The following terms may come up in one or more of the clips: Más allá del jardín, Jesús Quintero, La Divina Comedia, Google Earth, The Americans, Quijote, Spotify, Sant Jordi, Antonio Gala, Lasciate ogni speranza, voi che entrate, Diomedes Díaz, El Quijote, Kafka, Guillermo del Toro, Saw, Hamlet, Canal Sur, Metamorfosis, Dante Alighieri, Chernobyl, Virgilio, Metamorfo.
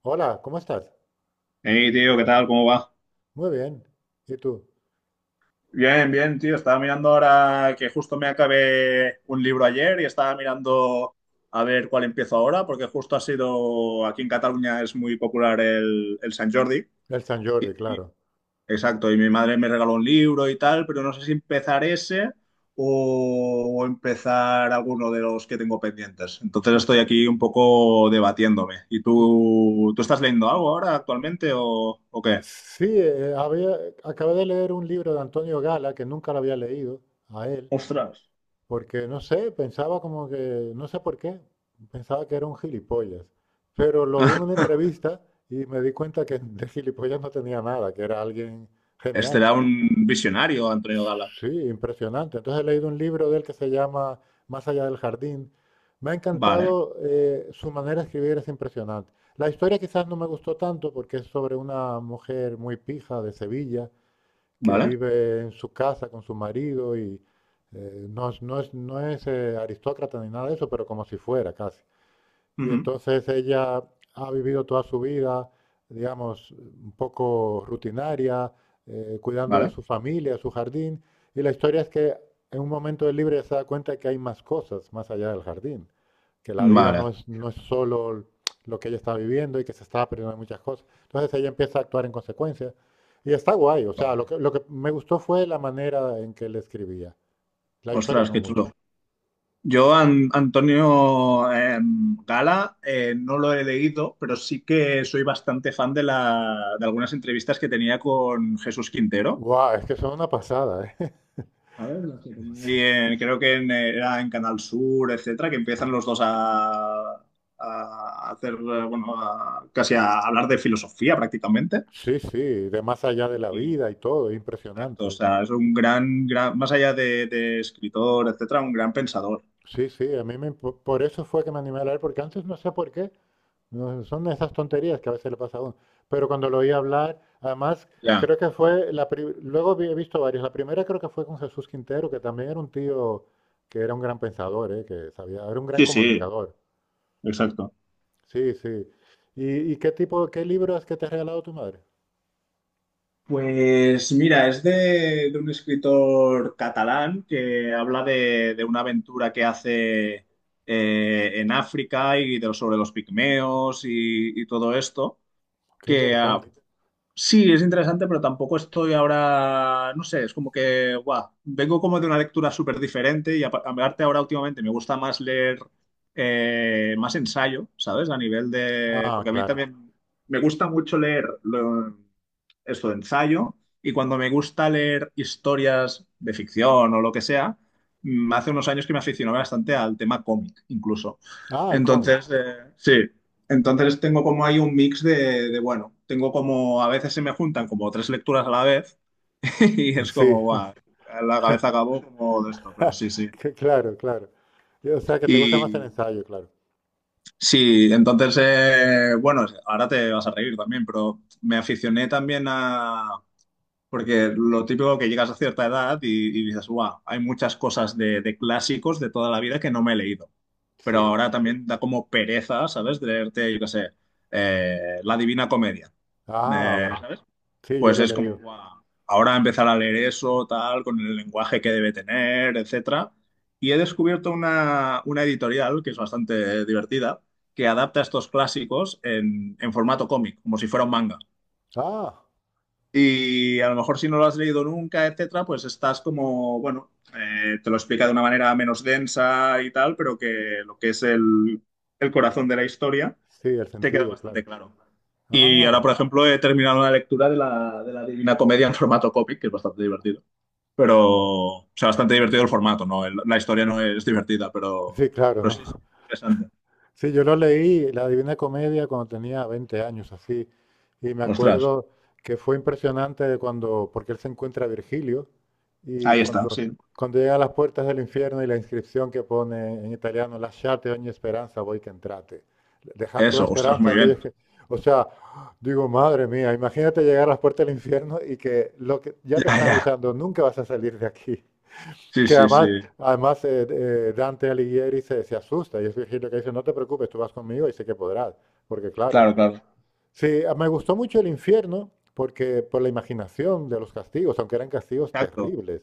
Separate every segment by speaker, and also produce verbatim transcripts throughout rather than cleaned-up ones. Speaker 1: Hola, ¿cómo estás?
Speaker 2: Hey, tío, ¿qué tal? ¿Cómo va?
Speaker 1: Muy bien. ¿Y tú?
Speaker 2: Bien, bien, tío. Estaba mirando ahora que justo me acabé un libro ayer y estaba mirando a ver cuál empiezo ahora, porque justo ha sido, aquí en Cataluña es muy popular el, el Sant Jordi.
Speaker 1: El San Jordi, claro.
Speaker 2: Exacto, y mi madre me regaló un libro y tal, pero no sé si empezar ese o, o empezar alguno de los que tengo pendientes. Entonces
Speaker 1: Y,
Speaker 2: estoy aquí un poco debatiéndome. ¿Y
Speaker 1: y-
Speaker 2: tú, tú estás leyendo algo ahora actualmente o, o qué?
Speaker 1: sí, eh, había, eh, acabé de leer un libro de Antonio Gala que nunca lo había leído a él,
Speaker 2: Ostras.
Speaker 1: porque no sé, pensaba como que, no sé por qué, pensaba que era un gilipollas. Pero lo vi en una entrevista y me di cuenta que de gilipollas no tenía nada, que era alguien
Speaker 2: Este
Speaker 1: genial.
Speaker 2: un visionario, Antonio Gala.
Speaker 1: Sí, impresionante. Entonces he leído un libro de él que se llama Más allá del jardín. Me ha
Speaker 2: Vale,
Speaker 1: encantado, eh, su manera de escribir es impresionante. La historia quizás no me gustó tanto porque es sobre una mujer muy pija de Sevilla que
Speaker 2: vale,
Speaker 1: vive en su casa con su marido y eh, no es, no es, no es, eh, aristócrata ni nada de eso, pero como si fuera casi. Y
Speaker 2: ujú,
Speaker 1: entonces ella ha vivido toda su vida, digamos, un poco rutinaria, eh, cuidando de
Speaker 2: vale,
Speaker 1: su familia, de su jardín. Y la historia es que en un momento del libro ella se da cuenta de que hay más cosas más allá del jardín, que la vida no
Speaker 2: vale,
Speaker 1: es, no es solo lo que ella está viviendo y que se está aprendiendo muchas cosas. Entonces ella empieza a actuar en consecuencia. Y está guay, o sea,
Speaker 2: vale.
Speaker 1: lo que, lo que me gustó fue la manera en que le escribía. La historia
Speaker 2: Ostras,
Speaker 1: no
Speaker 2: qué
Speaker 1: mucho.
Speaker 2: chulo. Yo, An- Antonio eh, Gala, eh, no lo he leído, pero sí que soy bastante fan de, la, de algunas entrevistas que tenía con Jesús Quintero.
Speaker 1: Guau, es que son una pasada, ¿eh?
Speaker 2: A ver, las que tenía.
Speaker 1: Sí.
Speaker 2: Y en- creo que en, eh, era en Canal Sur, etcétera, que empiezan los dos a, a hacer, eh, bueno, a- casi a hablar de filosofía prácticamente.
Speaker 1: Sí, sí, de más allá de la vida y todo, es
Speaker 2: Exacto, o
Speaker 1: impresionante.
Speaker 2: sea, es un gran, gran más allá de, de escritor, etcétera, un gran pensador.
Speaker 1: Sí, sí, a mí me, impo- por eso fue que me animé a leer, porque antes no sé por qué, no, son esas tonterías que a veces le pasa a uno. Pero cuando lo oí hablar, además,
Speaker 2: Ya.
Speaker 1: creo que fue, la pri- luego vi- he visto varias, la primera creo que fue con Jesús Quintero, que también era un tío que era un gran pensador, ¿eh? Que sabía, era un gran
Speaker 2: Sí, sí,
Speaker 1: comunicador.
Speaker 2: exacto.
Speaker 1: Sí, sí. ¿Y, y qué tipo, qué libro es que te ha regalado tu madre?
Speaker 2: Pues mira, es de, de un escritor catalán que habla de, de una aventura que hace eh, en África y de- sobre los pigmeos y, y todo esto,
Speaker 1: Qué
Speaker 2: que ah,
Speaker 1: interesante.
Speaker 2: sí, es interesante, pero tampoco estoy ahora, no sé, es como que, guau, vengo como de una lectura súper diferente y apa- aparte ahora últimamente me gusta más leer eh, más ensayo, ¿sabes? A nivel de,
Speaker 1: Ah,
Speaker 2: porque a mí
Speaker 1: claro.
Speaker 2: también me gusta mucho leer lo- esto de ensayo y cuando me gusta leer historias de ficción o lo que sea, mm, hace unos años que me aficionaba bastante al tema cómic, incluso.
Speaker 1: Ah, el cómic.
Speaker 2: Entonces, eh, sí. Entonces tengo como ahí un mix de, de, bueno, tengo como a veces se me juntan como tres lecturas a la vez y es
Speaker 1: Sí.
Speaker 2: como, guau, la cabeza acabó como de esto, pero sí, sí.
Speaker 1: Que- Claro, claro. Y, O sea, que te gusta más el
Speaker 2: Y
Speaker 1: ensayo, claro.
Speaker 2: sí, entonces, eh, bueno, ahora te vas a reír también, pero me aficioné también a, porque lo típico que llegas a cierta edad y, y dices, wow, hay muchas cosas de, de clásicos de toda la vida que no me he leído. Pero
Speaker 1: Sí.
Speaker 2: ahora también da como pereza, ¿sabes? De leerte, yo qué sé, eh, La Divina Comedia.
Speaker 1: Ah,
Speaker 2: Eh,
Speaker 1: va.
Speaker 2: ¿sabes?
Speaker 1: Sí, yo
Speaker 2: Pues
Speaker 1: lo he
Speaker 2: es como,
Speaker 1: leído.
Speaker 2: guau, ahora empezar a leer eso, tal, con el lenguaje que debe tener, etcétera. Y he descubierto una, una editorial que es bastante divertida, que adapta estos clásicos en, en formato cómic, como si fuera un manga.
Speaker 1: Ah,
Speaker 2: Y a lo mejor si no lo has leído nunca, etcétera, pues estás como, bueno, eh, te lo explica de una manera menos densa y tal, pero que lo que es el, el corazón de la historia
Speaker 1: sí, el
Speaker 2: te queda
Speaker 1: sentido, claro.
Speaker 2: bastante claro. Y
Speaker 1: Ah,
Speaker 2: ahora,
Speaker 1: va.
Speaker 2: por ejemplo, he terminado una lectura de la, de la Divina Comedia en formato cómic, que es bastante divertido. Pero, o sea, bastante divertido el formato, ¿no? El- la historia no es divertida, pero,
Speaker 1: Sí, claro,
Speaker 2: pero
Speaker 1: ¿no?
Speaker 2: sí es interesante.
Speaker 1: Sí, yo lo leí, La Divina Comedia, cuando tenía veinte años, así. Y me
Speaker 2: Ostras,
Speaker 1: acuerdo que fue impresionante cuando, porque él se encuentra a Virgilio, y
Speaker 2: ahí está,
Speaker 1: cuando,
Speaker 2: sí.
Speaker 1: cuando llega a las puertas del infierno y la inscripción que pone en italiano, Lasciate ogni speranza, voi che entrate. Dejar toda
Speaker 2: Eso, ostras,
Speaker 1: esperanza a
Speaker 2: muy bien.
Speaker 1: aquellos que... O sea, digo, madre mía, imagínate llegar a las puertas del infierno y que lo que ya te
Speaker 2: Ya,
Speaker 1: están
Speaker 2: ya.
Speaker 1: avisando, nunca vas a salir de aquí.
Speaker 2: Sí,
Speaker 1: Que
Speaker 2: sí, sí.
Speaker 1: además, además eh, eh, Dante Alighieri se, se asusta y es Virgilio que dice, no te preocupes, tú vas conmigo y sé que podrás, porque claro,
Speaker 2: Claro, claro.
Speaker 1: sí, a- me gustó mucho el infierno porque por la imaginación de los castigos, aunque eran castigos
Speaker 2: Exacto.
Speaker 1: terribles.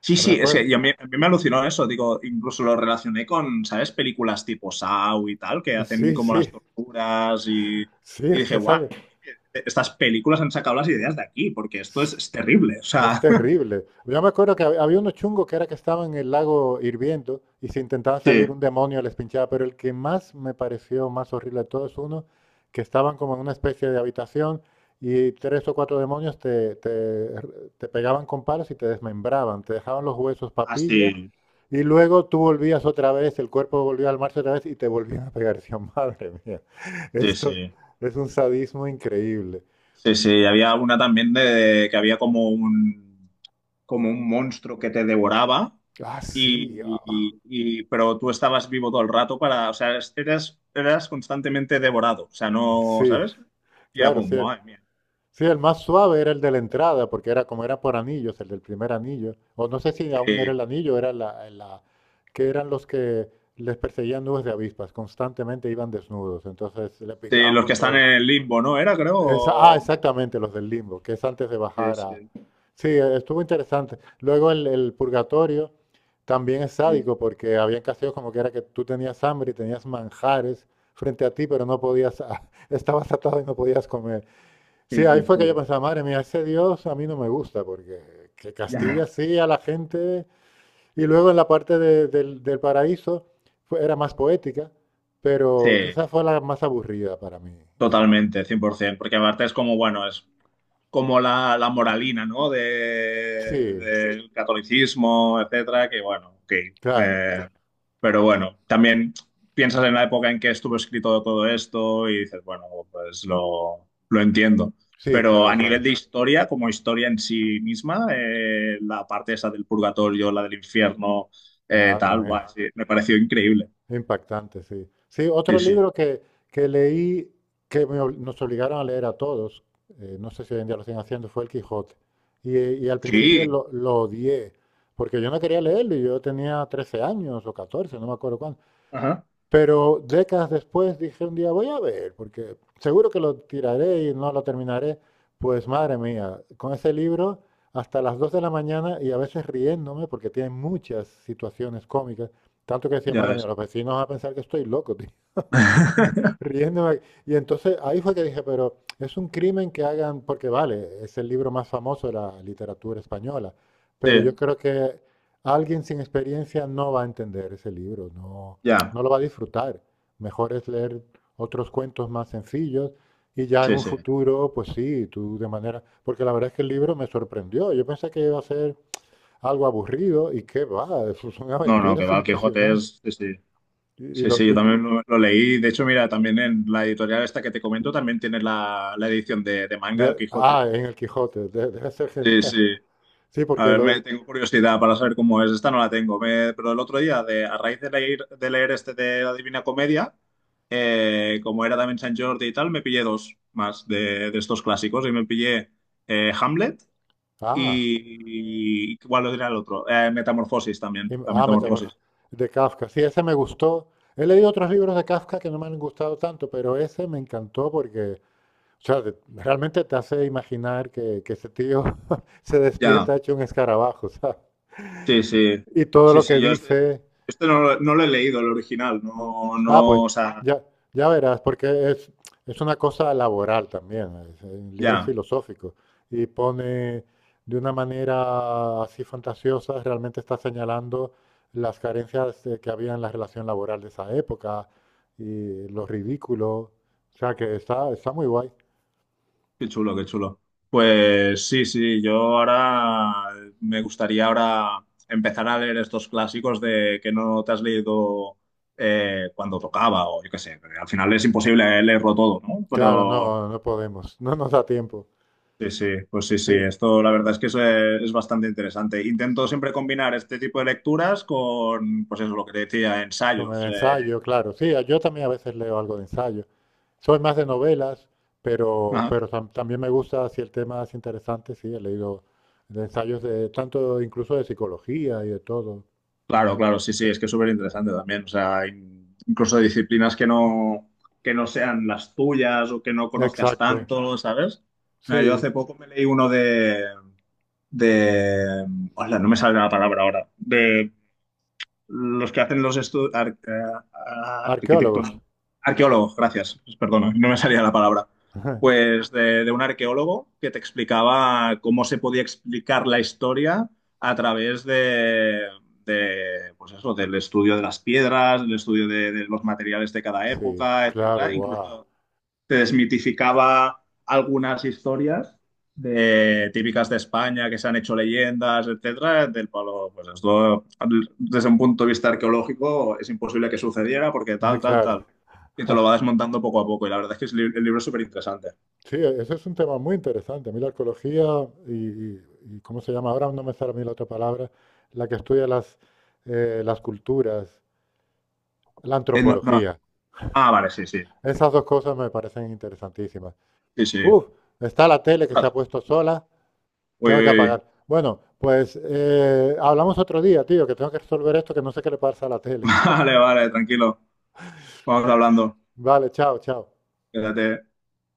Speaker 2: Sí,
Speaker 1: Ah, me
Speaker 2: sí, es
Speaker 1: acuerdo.
Speaker 2: que y a mí, a mí me alucinó eso, digo, incluso lo relacioné con, ¿sabes? Películas tipo Saw y tal, que hacen
Speaker 1: Sí,
Speaker 2: como
Speaker 1: sí,
Speaker 2: las torturas y,
Speaker 1: sí,
Speaker 2: y
Speaker 1: es
Speaker 2: dije,
Speaker 1: que
Speaker 2: guau,
Speaker 1: sale.
Speaker 2: yo creo que e, estas películas han sacado las ideas de aquí, porque esto es, es terrible, o
Speaker 1: Es
Speaker 2: sea,
Speaker 1: terrible. Yo me acuerdo que hab- había unos chungos que era que estaban en el lago hirviendo y si intentaban salir
Speaker 2: sí,
Speaker 1: un demonio les pinchaba, pero el que más me pareció más horrible de todos es uno que estaban como en una especie de habitación y tres o cuatro demonios te, te te pegaban con palos y te desmembraban, te dejaban los huesos papilla
Speaker 2: así,
Speaker 1: y luego tú volvías otra vez, el cuerpo volvió al marzo otra vez y te volvían a pegar. Decía, madre mía,
Speaker 2: sí,
Speaker 1: esto
Speaker 2: sí,
Speaker 1: es un sadismo increíble.
Speaker 2: sí, sí, había una también de, que había como un, como un monstruo que te devoraba,
Speaker 1: Ah, sí,
Speaker 2: y,
Speaker 1: ah,
Speaker 2: y- y- pero tú estabas vivo todo el rato para, o sea, es- eras, eras constantemente devorado, o sea, no,
Speaker 1: sí,
Speaker 2: ¿sabes? Y era
Speaker 1: claro,
Speaker 2: como,
Speaker 1: sí.
Speaker 2: madre mía,
Speaker 1: Sí, el más suave era el de la entrada, porque era como era por anillos, el del primer anillo. O no sé si aún era
Speaker 2: que-
Speaker 1: el anillo, era la, la- que eran los que les perseguían nubes de avispas, constantemente iban desnudos, entonces le
Speaker 2: que
Speaker 1: picaban
Speaker 2: los que
Speaker 1: por todo.
Speaker 2: están
Speaker 1: el-
Speaker 2: en el limbo, ¿no? Era, creo.
Speaker 1: Esa- ah,
Speaker 2: O-
Speaker 1: exactamente, los del limbo, que es antes de
Speaker 2: Sí,
Speaker 1: bajar a...
Speaker 2: sí,
Speaker 1: Sí, eh, estuvo interesante. Luego el, el purgatorio también es
Speaker 2: sí,
Speaker 1: sádico, porque habían caseos como que era que tú tenías hambre y tenías manjares frente a ti, pero no podías, estabas atado y no podías comer.
Speaker 2: sí,
Speaker 1: Sí, ahí
Speaker 2: sí,
Speaker 1: fue que yo
Speaker 2: sí.
Speaker 1: pensaba, madre mía, ese Dios a mí no me gusta, porque que castiga
Speaker 2: Ya.
Speaker 1: así a la gente. Y luego en la parte de- del, del paraíso fue- era más poética,
Speaker 2: Sí,
Speaker 1: pero quizás fue la más aburrida para mí, esa parte.
Speaker 2: totalmente, cien por ciento, porque aparte es como, bueno, es como la, la moralina, ¿no? De,
Speaker 1: Sí,
Speaker 2: del catolicismo, etcétera, que bueno, ok.
Speaker 1: claro,
Speaker 2: Eh, pero bueno, también piensas en la época en que estuvo escrito todo esto y dices, bueno, pues lo, lo entiendo.
Speaker 1: sí,
Speaker 2: Pero
Speaker 1: claro,
Speaker 2: a nivel
Speaker 1: claro.
Speaker 2: de historia, como historia en sí misma, eh, la parte esa del purgatorio, la del infierno, eh,
Speaker 1: Madre
Speaker 2: tal, guay,
Speaker 1: mía.
Speaker 2: sí, me pareció increíble.
Speaker 1: Impactante, sí. Sí, otro
Speaker 2: Sí, sí.
Speaker 1: libro que, que leí, que me ob- nos obligaron a leer a todos, eh, no sé si hoy en día lo siguen haciendo, fue El Quijote. Y, eh, y al principio
Speaker 2: Sí.
Speaker 1: lo, lo odié, porque yo no quería leerlo y yo tenía trece años o catorce, no me acuerdo cuándo.
Speaker 2: Ajá.
Speaker 1: Pero décadas después dije un día, voy a ver, porque seguro que lo tiraré y no lo terminaré. Pues madre mía, con ese libro hasta las dos de la mañana y a veces riéndome porque tiene muchas situaciones cómicas. Tanto que decía,
Speaker 2: Ya
Speaker 1: madre mía,
Speaker 2: ves.
Speaker 1: los vecinos van a pensar que estoy loco, tío. Riéndome. Y entonces ahí fue que dije, pero es un crimen que hagan, porque vale, es el libro más famoso de la literatura española, pero yo
Speaker 2: Sí,
Speaker 1: creo que alguien sin experiencia no va a entender ese libro, no,
Speaker 2: ya.
Speaker 1: no lo va a disfrutar. Mejor es leer otros cuentos más sencillos y ya en
Speaker 2: Sí,
Speaker 1: un
Speaker 2: sí.
Speaker 1: futuro, pues sí, tú de manera, porque la verdad es que el libro me sorprendió. Yo pensé que iba a ser algo aburrido y qué va, eso son
Speaker 2: No, no, que
Speaker 1: aventuras
Speaker 2: va, Quijote
Speaker 1: impresionantes.
Speaker 2: es... Sí, sí,
Speaker 1: Y, y
Speaker 2: sí,
Speaker 1: los,
Speaker 2: sí, yo
Speaker 1: di-
Speaker 2: también lo, lo leí. De hecho, mira, también en la editorial esta que te comento también tiene la, la edición de, de manga del
Speaker 1: De-
Speaker 2: Quijote.
Speaker 1: ah, en el Quijote, de- debe ser
Speaker 2: Sí,
Speaker 1: genial.
Speaker 2: sí.
Speaker 1: Sí,
Speaker 2: A
Speaker 1: porque
Speaker 2: ver, me,
Speaker 1: lo...
Speaker 2: tengo curiosidad para saber cómo es. Esta no la tengo, me- pero el otro día, de, a raíz de leer, de leer este de la Divina Comedia, eh, como era también San Jordi y tal, me pillé dos más de, de estos clásicos y me pillé eh, Hamlet
Speaker 1: Ah,
Speaker 2: y, y ¿cuál era el otro? Eh, Metamorfosis también,
Speaker 1: im-
Speaker 2: la
Speaker 1: ah,
Speaker 2: Metamorfosis.
Speaker 1: Metamorfo- de Kafka. Sí, ese me gustó. He leído otros libros de Kafka que no me han gustado tanto, pero ese me encantó porque, o sea, de- realmente te hace imaginar que, que ese tío se
Speaker 2: Ya.
Speaker 1: despierta hecho un escarabajo, ¿sabes?
Speaker 2: Sí, sí,
Speaker 1: Y todo
Speaker 2: sí,
Speaker 1: lo
Speaker 2: sí,
Speaker 1: que
Speaker 2: yo este,
Speaker 1: dice
Speaker 2: este no, lo no lo he leído, el original, no,
Speaker 1: Ah, pues
Speaker 2: no, o sea,
Speaker 1: ya, ya verás, porque es, es una cosa laboral también, es, en libros
Speaker 2: ya,
Speaker 1: filosóficos, y pone de una manera así fantasiosa, realmente está señalando las carencias eh, que había en la relación laboral de esa época y lo ridículo, o sea que está, está muy guay.
Speaker 2: qué chulo, qué chulo. Pues sí, sí, yo ahora me gustaría ahora empezar a leer estos clásicos de que no te has leído eh, cuando tocaba o yo qué sé, porque al final es imposible eh, leerlo todo, ¿no?
Speaker 1: Claro,
Speaker 2: Pero
Speaker 1: no, no podemos, no nos da tiempo.
Speaker 2: sí, sí, pues sí, sí,
Speaker 1: Sí.
Speaker 2: esto la verdad es que es, eh, es bastante interesante. Intento siempre combinar este tipo de lecturas con, pues eso, lo que te decía,
Speaker 1: Con el
Speaker 2: ensayos.
Speaker 1: ensayo, claro. Sí, a- yo también a veces leo algo de ensayo. Soy más de novelas, pero,
Speaker 2: eh,
Speaker 1: pero tam- también me gusta, si el tema es interesante, sí, he leído de ensayos de tanto, incluso de psicología y de todo.
Speaker 2: Claro,
Speaker 1: Me-
Speaker 2: claro, sí, sí, es que es súper interesante también. O sea, in- incluso disciplinas que no, que no sean las tuyas o que no conozcas
Speaker 1: exacto,
Speaker 2: tanto, ¿sabes? Mira, yo
Speaker 1: sí.
Speaker 2: hace poco me leí uno de, de, hola, no me sale la palabra ahora, de los que hacen los estudios, arquitectos,
Speaker 1: Arqueólogos.
Speaker 2: arqueólogos, gracias, perdona, no me salía la palabra. Pues de, de un arqueólogo que te explicaba cómo se podía explicar la historia a través de, de, pues eso, del estudio de las piedras, del estudio de, de los materiales de cada
Speaker 1: Sí,
Speaker 2: época,
Speaker 1: claro,
Speaker 2: etcétera,
Speaker 1: wow.
Speaker 2: incluso te desmitificaba algunas historias de, típicas de España que se han hecho leyendas, etcétera, del palo, pues esto desde un punto de vista arqueológico es imposible que sucediera porque
Speaker 1: Eh,
Speaker 2: tal, tal,
Speaker 1: claro.
Speaker 2: tal. Y te lo va desmontando poco a poco. Y la verdad es que es li- el libro es súper interesante.
Speaker 1: Sí, eso es un tema muy interesante. A mí la arqueología y, y- y ¿cómo se llama? Ahora no me sale a mí la otra palabra, la que estudia las, eh, las culturas, la
Speaker 2: Eh, no- no.
Speaker 1: antropología.
Speaker 2: Ah, vale, sí, sí.
Speaker 1: Esas dos cosas me parecen interesantísimas.
Speaker 2: Sí, sí.
Speaker 1: Uf, está la tele que se ha
Speaker 2: Ostras.
Speaker 1: puesto sola,
Speaker 2: Uy,
Speaker 1: tengo que
Speaker 2: uy, uy.
Speaker 1: apagar. Bueno, pues eh, hablamos otro día, tío, que tengo que resolver esto, que no sé qué le pasa a la tele.
Speaker 2: Vale, vale, tranquilo. Vamos hablando.
Speaker 1: Vale, chao, chao.
Speaker 2: Quédate.